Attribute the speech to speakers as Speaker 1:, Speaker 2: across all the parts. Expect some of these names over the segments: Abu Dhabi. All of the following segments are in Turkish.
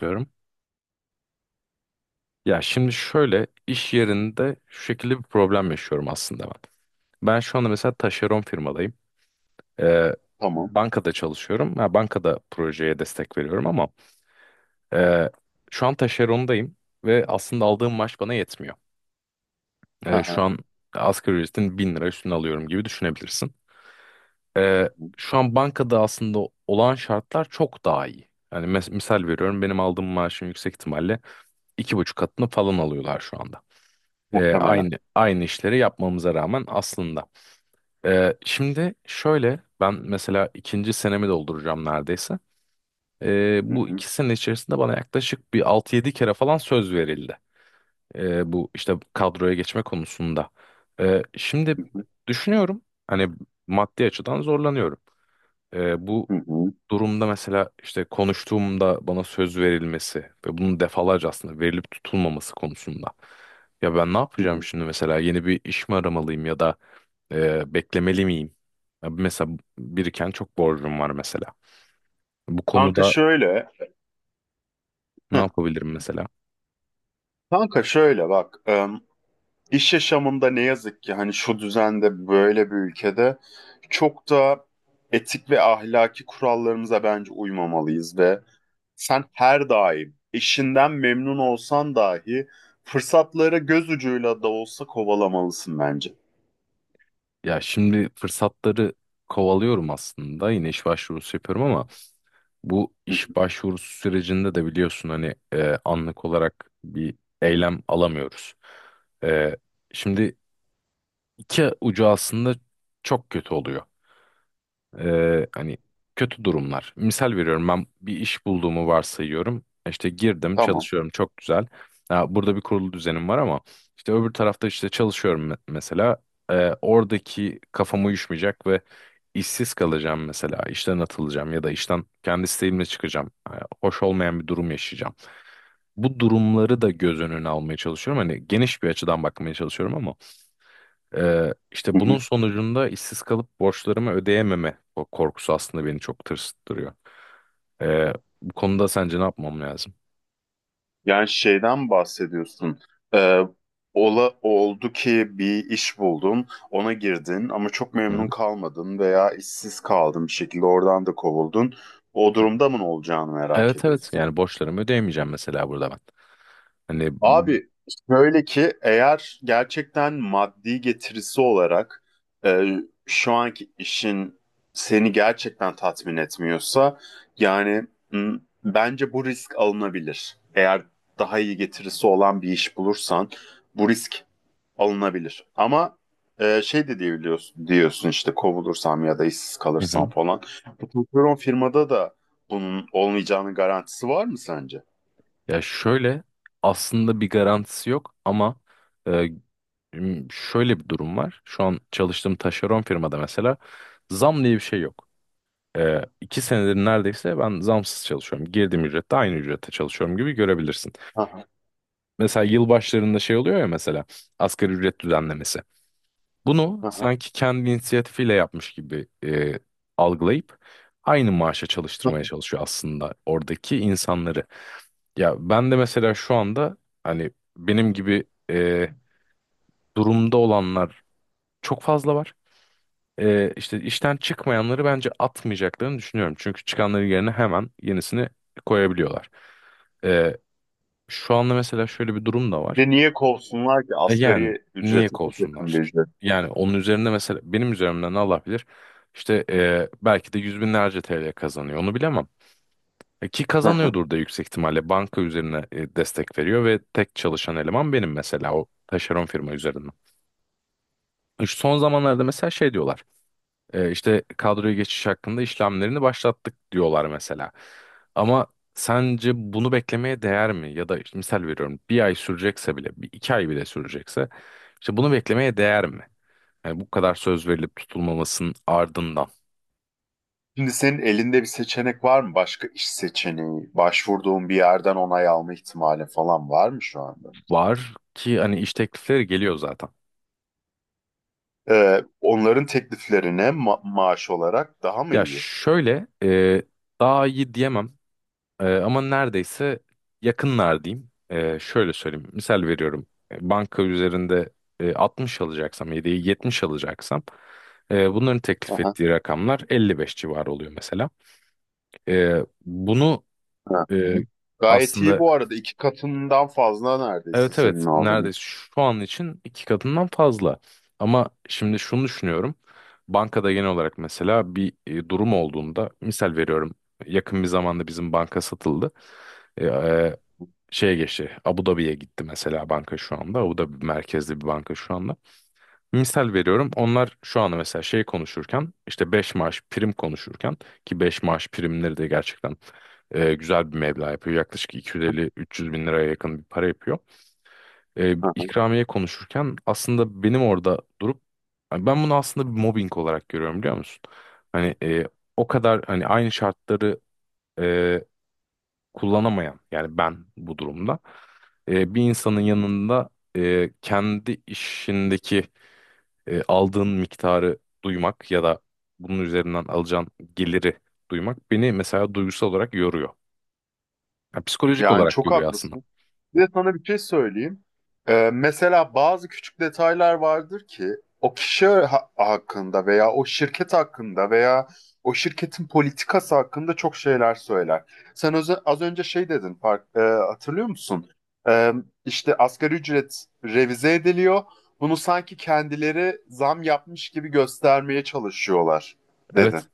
Speaker 1: Diyorum. Ya şimdi şöyle iş yerinde şu şekilde bir problem yaşıyorum aslında ben. Ben şu anda mesela taşeron firmadayım. Ee,
Speaker 2: Tamam.
Speaker 1: bankada çalışıyorum. Ha, bankada projeye destek veriyorum ama e, şu an taşerondayım ve aslında aldığım maaş bana yetmiyor.
Speaker 2: Hı
Speaker 1: Şu
Speaker 2: hı.
Speaker 1: an asgari ücretin bin lira üstüne alıyorum gibi düşünebilirsin. Ee, şu an bankada aslında olan şartlar çok daha iyi. Yani misal veriyorum benim aldığım maaşın yüksek ihtimalle 2,5 katını falan alıyorlar şu anda. E,
Speaker 2: Muhtemelen.
Speaker 1: aynı aynı işleri yapmamıza rağmen aslında. Şimdi şöyle ben mesela ikinci senemi dolduracağım neredeyse.
Speaker 2: Hı
Speaker 1: Bu
Speaker 2: hı.
Speaker 1: iki sene içerisinde bana yaklaşık bir altı yedi kere falan söz verildi. Bu işte kadroya geçme konusunda. Şimdi
Speaker 2: Hı hı.
Speaker 1: düşünüyorum hani maddi açıdan zorlanıyorum. Bu
Speaker 2: Hı hı.
Speaker 1: durumda mesela işte konuştuğumda bana söz verilmesi ve bunun defalarca aslında verilip tutulmaması konusunda. Ya ben ne
Speaker 2: Hı
Speaker 1: yapacağım
Speaker 2: hı.
Speaker 1: şimdi mesela yeni bir iş mi aramalıyım ya da beklemeli miyim? Ya mesela biriken çok borcum var mesela. Bu
Speaker 2: Kanka
Speaker 1: konuda
Speaker 2: şöyle.
Speaker 1: ne
Speaker 2: Heh.
Speaker 1: yapabilirim mesela?
Speaker 2: Kanka şöyle bak. İş yaşamında ne yazık ki hani şu düzende böyle bir ülkede çok da etik ve ahlaki kurallarımıza bence uymamalıyız ve sen her daim işinden memnun olsan dahi fırsatları göz ucuyla da olsa kovalamalısın bence.
Speaker 1: Ya şimdi fırsatları kovalıyorum aslında yine iş başvurusu yapıyorum ama bu
Speaker 2: Hı hı.
Speaker 1: iş başvurusu sürecinde de biliyorsun hani anlık olarak bir eylem alamıyoruz. E, şimdi iki ucu aslında çok kötü oluyor. Hani kötü durumlar. Misal veriyorum ben bir iş bulduğumu varsayıyorum. İşte girdim
Speaker 2: Tamam.
Speaker 1: çalışıyorum çok güzel. Ya burada bir kurulu düzenim var ama işte öbür tarafta işte çalışıyorum mesela. Oradaki kafam uyuşmayacak ve işsiz kalacağım mesela. İşten atılacağım ya da işten kendi isteğimle çıkacağım. Hoş olmayan bir durum yaşayacağım. Bu durumları da göz önüne almaya çalışıyorum. Hani geniş bir açıdan bakmaya çalışıyorum ama işte bunun sonucunda işsiz kalıp borçlarımı ödeyememe o korkusu aslında beni çok tırsıttırıyor. Ee, bu konuda sence ne yapmam lazım?
Speaker 2: Yani şeyden bahsediyorsun. Ee, Oldu ki bir iş buldun, ona girdin ama çok
Speaker 1: Hı hı.
Speaker 2: memnun kalmadın veya işsiz kaldın bir şekilde oradan da kovuldun. O
Speaker 1: Hı hı.
Speaker 2: durumda mı ne olacağını merak
Speaker 1: Evet evet
Speaker 2: ediyorsun.
Speaker 1: yani borçlarımı ödeyemeyeceğim mesela burada ben. Hani.
Speaker 2: Abi şöyle ki, eğer gerçekten maddi getirisi olarak e, şu anki işin seni gerçekten tatmin etmiyorsa, yani m, bence bu risk alınabilir. Eğer daha iyi getirisi olan bir iş bulursan bu risk alınabilir. Ama şey de diyebiliyorsun, diyorsun işte kovulursam ya da işsiz
Speaker 1: Hı
Speaker 2: kalırsam
Speaker 1: hı.
Speaker 2: falan. Bu patron firmada da bunun olmayacağının garantisi var mı sence?
Speaker 1: Ya şöyle aslında bir garantisi yok ama e, şöyle bir durum var. Şu an çalıştığım taşeron firmada mesela zam diye bir şey yok. İki senedir neredeyse ben zamsız çalışıyorum. Girdiğim ücrette aynı ücrette çalışıyorum gibi görebilirsin.
Speaker 2: Aha,
Speaker 1: Mesela yıl başlarında şey oluyor ya mesela asgari ücret düzenlemesi. Bunu
Speaker 2: aha.
Speaker 1: sanki kendi inisiyatifiyle yapmış gibi algılayıp aynı maaşa çalıştırmaya çalışıyor aslında oradaki insanları. Ya ben de mesela şu anda hani benim gibi e, durumda olanlar çok fazla var. E, işte işten çıkmayanları bence atmayacaklarını düşünüyorum. Çünkü çıkanların yerine hemen yenisini koyabiliyorlar. E, şu anda mesela şöyle bir durum da
Speaker 2: Bir
Speaker 1: var.
Speaker 2: de niye kovsunlar ki?
Speaker 1: Yani
Speaker 2: Asgari
Speaker 1: niye
Speaker 2: ücrete çok yakın bir
Speaker 1: kovsunlar?
Speaker 2: ücret.
Speaker 1: Yani onun üzerinde mesela benim üzerimden Allah bilir işte belki de yüz binlerce TL kazanıyor onu bilemem. Ki
Speaker 2: Hı hı.
Speaker 1: kazanıyordur da yüksek ihtimalle banka üzerine destek veriyor ve tek çalışan eleman benim mesela o taşeron firma üzerinden. Son zamanlarda mesela şey diyorlar. E, işte kadroya geçiş hakkında işlemlerini başlattık diyorlar mesela. Ama sence bunu beklemeye değer mi? Ya da işte misal veriyorum bir ay sürecekse bile, bir iki ay bile sürecekse işte bunu beklemeye değer mi? Yani bu kadar söz verilip tutulmamasının ardından
Speaker 2: Şimdi senin elinde bir seçenek var mı? Başka iş seçeneği, başvurduğun bir yerden onay alma ihtimali falan var mı şu anda?
Speaker 1: var ki hani iş teklifleri geliyor zaten.
Speaker 2: Onların tekliflerine maaş olarak daha mı
Speaker 1: Ya
Speaker 2: iyi?
Speaker 1: şöyle daha iyi diyemem. Ama neredeyse yakınlar diyeyim. Şöyle söyleyeyim. Misal veriyorum. Banka üzerinde 60 alacaksam, yedeği 70 alacaksam bunların
Speaker 2: Hı
Speaker 1: teklif
Speaker 2: hı.
Speaker 1: ettiği rakamlar 55 civarı oluyor mesela. Bunu
Speaker 2: Hı hı.
Speaker 1: e,
Speaker 2: Gayet iyi
Speaker 1: aslında
Speaker 2: bu arada. İki katından fazla neredeyse
Speaker 1: evet evet
Speaker 2: senin aldığın.
Speaker 1: neredeyse şu an için iki katından fazla. Ama şimdi şunu düşünüyorum. Bankada genel olarak mesela bir durum olduğunda misal veriyorum. Yakın bir zamanda bizim banka satıldı. E, e, şeye geçti. Abu Dhabi'ye gitti mesela banka şu anda. Abu Dhabi merkezli bir banka şu anda. Misal veriyorum. Onlar şu anda mesela şey konuşurken işte 5 maaş prim konuşurken ki 5 maaş primleri de gerçekten güzel bir meblağ yapıyor. Yaklaşık 250-300 bin liraya yakın bir para yapıyor. E,
Speaker 2: Hı hı.
Speaker 1: ikramiye konuşurken aslında benim orada durup hani ben bunu aslında bir mobbing olarak görüyorum biliyor musun? Hani o kadar hani aynı şartları e, kullanamayan yani ben bu durumda bir insanın yanında kendi işindeki aldığın miktarı duymak ya da bunun üzerinden alacağın geliri duymak beni mesela duygusal olarak yoruyor. Yani psikolojik
Speaker 2: Yani
Speaker 1: olarak
Speaker 2: çok
Speaker 1: yoruyor aslında.
Speaker 2: haklısın. Bir de sana bir şey söyleyeyim. Mesela bazı küçük detaylar vardır ki o kişi hakkında veya o şirket hakkında veya o şirketin politikası hakkında çok şeyler söyler. Sen az önce şey dedin, fark, hatırlıyor musun? Ee, işte asgari ücret revize ediliyor. Bunu sanki kendileri zam yapmış gibi göstermeye çalışıyorlar
Speaker 1: Evet.
Speaker 2: dedin.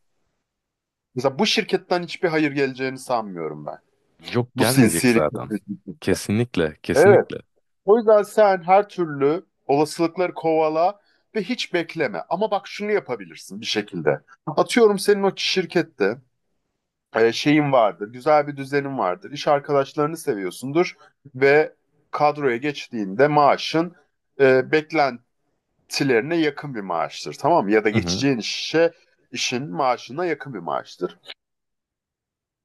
Speaker 2: Mesela bu şirketten hiçbir hayır geleceğini sanmıyorum ben.
Speaker 1: Yok
Speaker 2: Bu
Speaker 1: gelmeyecek
Speaker 2: sinsilik.
Speaker 1: zaten. Kesinlikle,
Speaker 2: Evet.
Speaker 1: kesinlikle.
Speaker 2: O yüzden sen her türlü olasılıkları kovala ve hiç bekleme. Ama bak şunu yapabilirsin bir şekilde. Atıyorum, senin o şirkette şeyin vardır, güzel bir düzenin vardır, iş arkadaşlarını seviyorsundur ve kadroya geçtiğinde maaşın beklentilerine yakın bir maaştır, tamam mı? Ya da
Speaker 1: Hı hı.
Speaker 2: geçeceğin işe, işin maaşına yakın bir maaştır.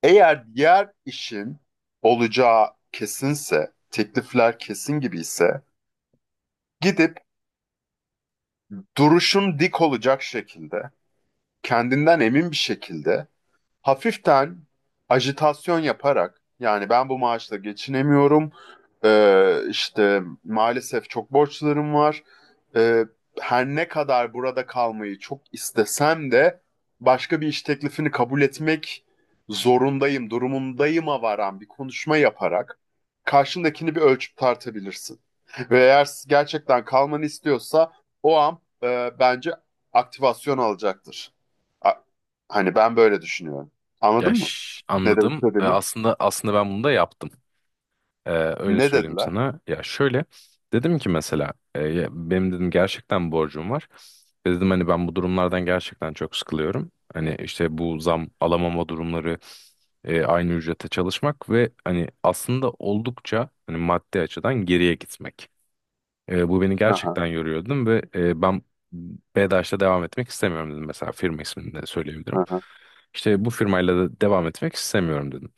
Speaker 2: Eğer diğer işin olacağı kesinse, teklifler kesin gibi ise, gidip duruşun dik olacak şekilde, kendinden emin bir şekilde, hafiften ajitasyon yaparak, yani ben bu maaşla geçinemiyorum, işte maalesef çok borçlarım var, Ee, her ne kadar burada kalmayı çok istesem de başka bir iş teklifini kabul etmek zorundayım, durumundayıma varan bir konuşma yaparak karşındakini bir ölçüp tartabilirsin. Ve eğer gerçekten kalmanı istiyorsa o an bence aktivasyon alacaktır. A- Hani ben böyle düşünüyorum.
Speaker 1: Ya
Speaker 2: Anladın mı? Ne demek
Speaker 1: anladım. E,
Speaker 2: istediğimi?
Speaker 1: aslında aslında ben bunu da yaptım. Ee, öyle
Speaker 2: Ne
Speaker 1: söyleyeyim
Speaker 2: dediler?
Speaker 1: sana. Ya şöyle dedim ki mesela ya benim dedim gerçekten borcum var. Ve dedim hani ben bu durumlardan gerçekten çok sıkılıyorum. Hani işte bu zam alamama durumları aynı ücrete çalışmak ve hani aslında oldukça hani maddi açıdan geriye gitmek. Bu beni
Speaker 2: Hı hı,
Speaker 1: gerçekten yoruyordu ve ben BEDAŞ'ta devam etmek istemiyorum dedim. Mesela firma ismini de söyleyebilirim.
Speaker 2: hı hı.
Speaker 1: İşte bu firmayla da devam etmek istemiyorum dedim.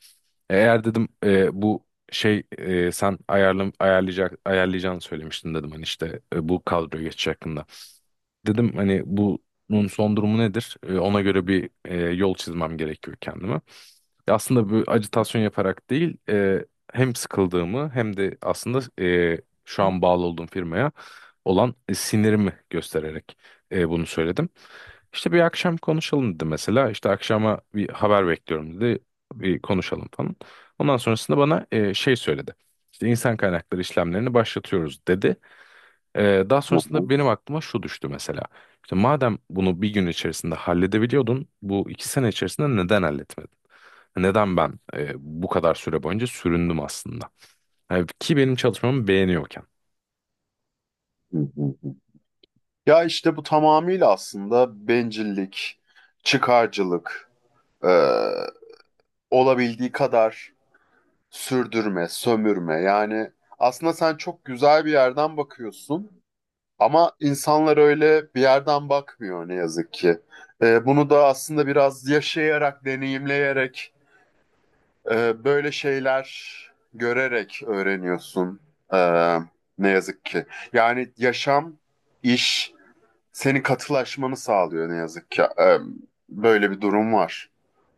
Speaker 1: Eğer dedim bu şey sen ayarlam ayarlayacak ayarlayacağını söylemiştin dedim hani işte bu kadroya geçiş hakkında. Dedim hani bunun son durumu nedir? Ona göre bir yol çizmem gerekiyor kendime. Aslında bu ajitasyon yaparak değil, hem sıkıldığımı hem de aslında şu an bağlı olduğum firmaya olan sinirimi göstererek bunu söyledim. İşte bir akşam konuşalım dedi mesela. İşte akşama bir haber bekliyorum dedi. Bir konuşalım falan. Ondan sonrasında bana şey söyledi. İşte insan kaynakları işlemlerini başlatıyoruz dedi. Daha
Speaker 2: Hı
Speaker 1: sonrasında
Speaker 2: hı,
Speaker 1: benim aklıma şu düştü mesela. İşte madem bunu bir gün içerisinde halledebiliyordun, bu iki sene içerisinde neden halletmedin? Neden ben bu kadar süre boyunca süründüm aslında? Yani ki benim çalışmamı beğeniyorken.
Speaker 2: hı hı, hı. Ya işte bu tamamıyla aslında bencillik, çıkarcılık, e, olabildiği kadar sürdürme, sömürme. Yani aslında sen çok güzel bir yerden bakıyorsun ama insanlar öyle bir yerden bakmıyor ne yazık ki. Bunu da aslında biraz yaşayarak, deneyimleyerek, böyle şeyler görerek öğreniyorsun. Ee, Ne yazık ki. Yani yaşam, iş seni katılaşmanı sağlıyor ne yazık ki. Böyle bir durum var.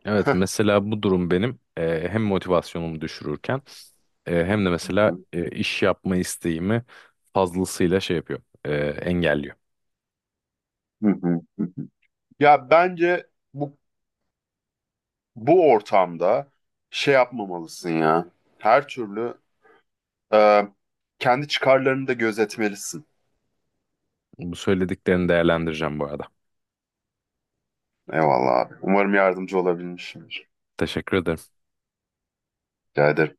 Speaker 1: Evet mesela bu durum benim hem motivasyonumu düşürürken hem de mesela
Speaker 2: Hı
Speaker 1: iş yapma isteğimi fazlasıyla şey yapıyor, engelliyor.
Speaker 2: hı. Ya bence bu bu ortamda şey yapmamalısın ya. Her türlü e, kendi çıkarlarını da gözetmelisin.
Speaker 1: Bu söylediklerini değerlendireceğim bu arada.
Speaker 2: Eyvallah abi. Umarım yardımcı olabilmişimdir.
Speaker 1: Teşekkür ederim.
Speaker 2: Rica ederim.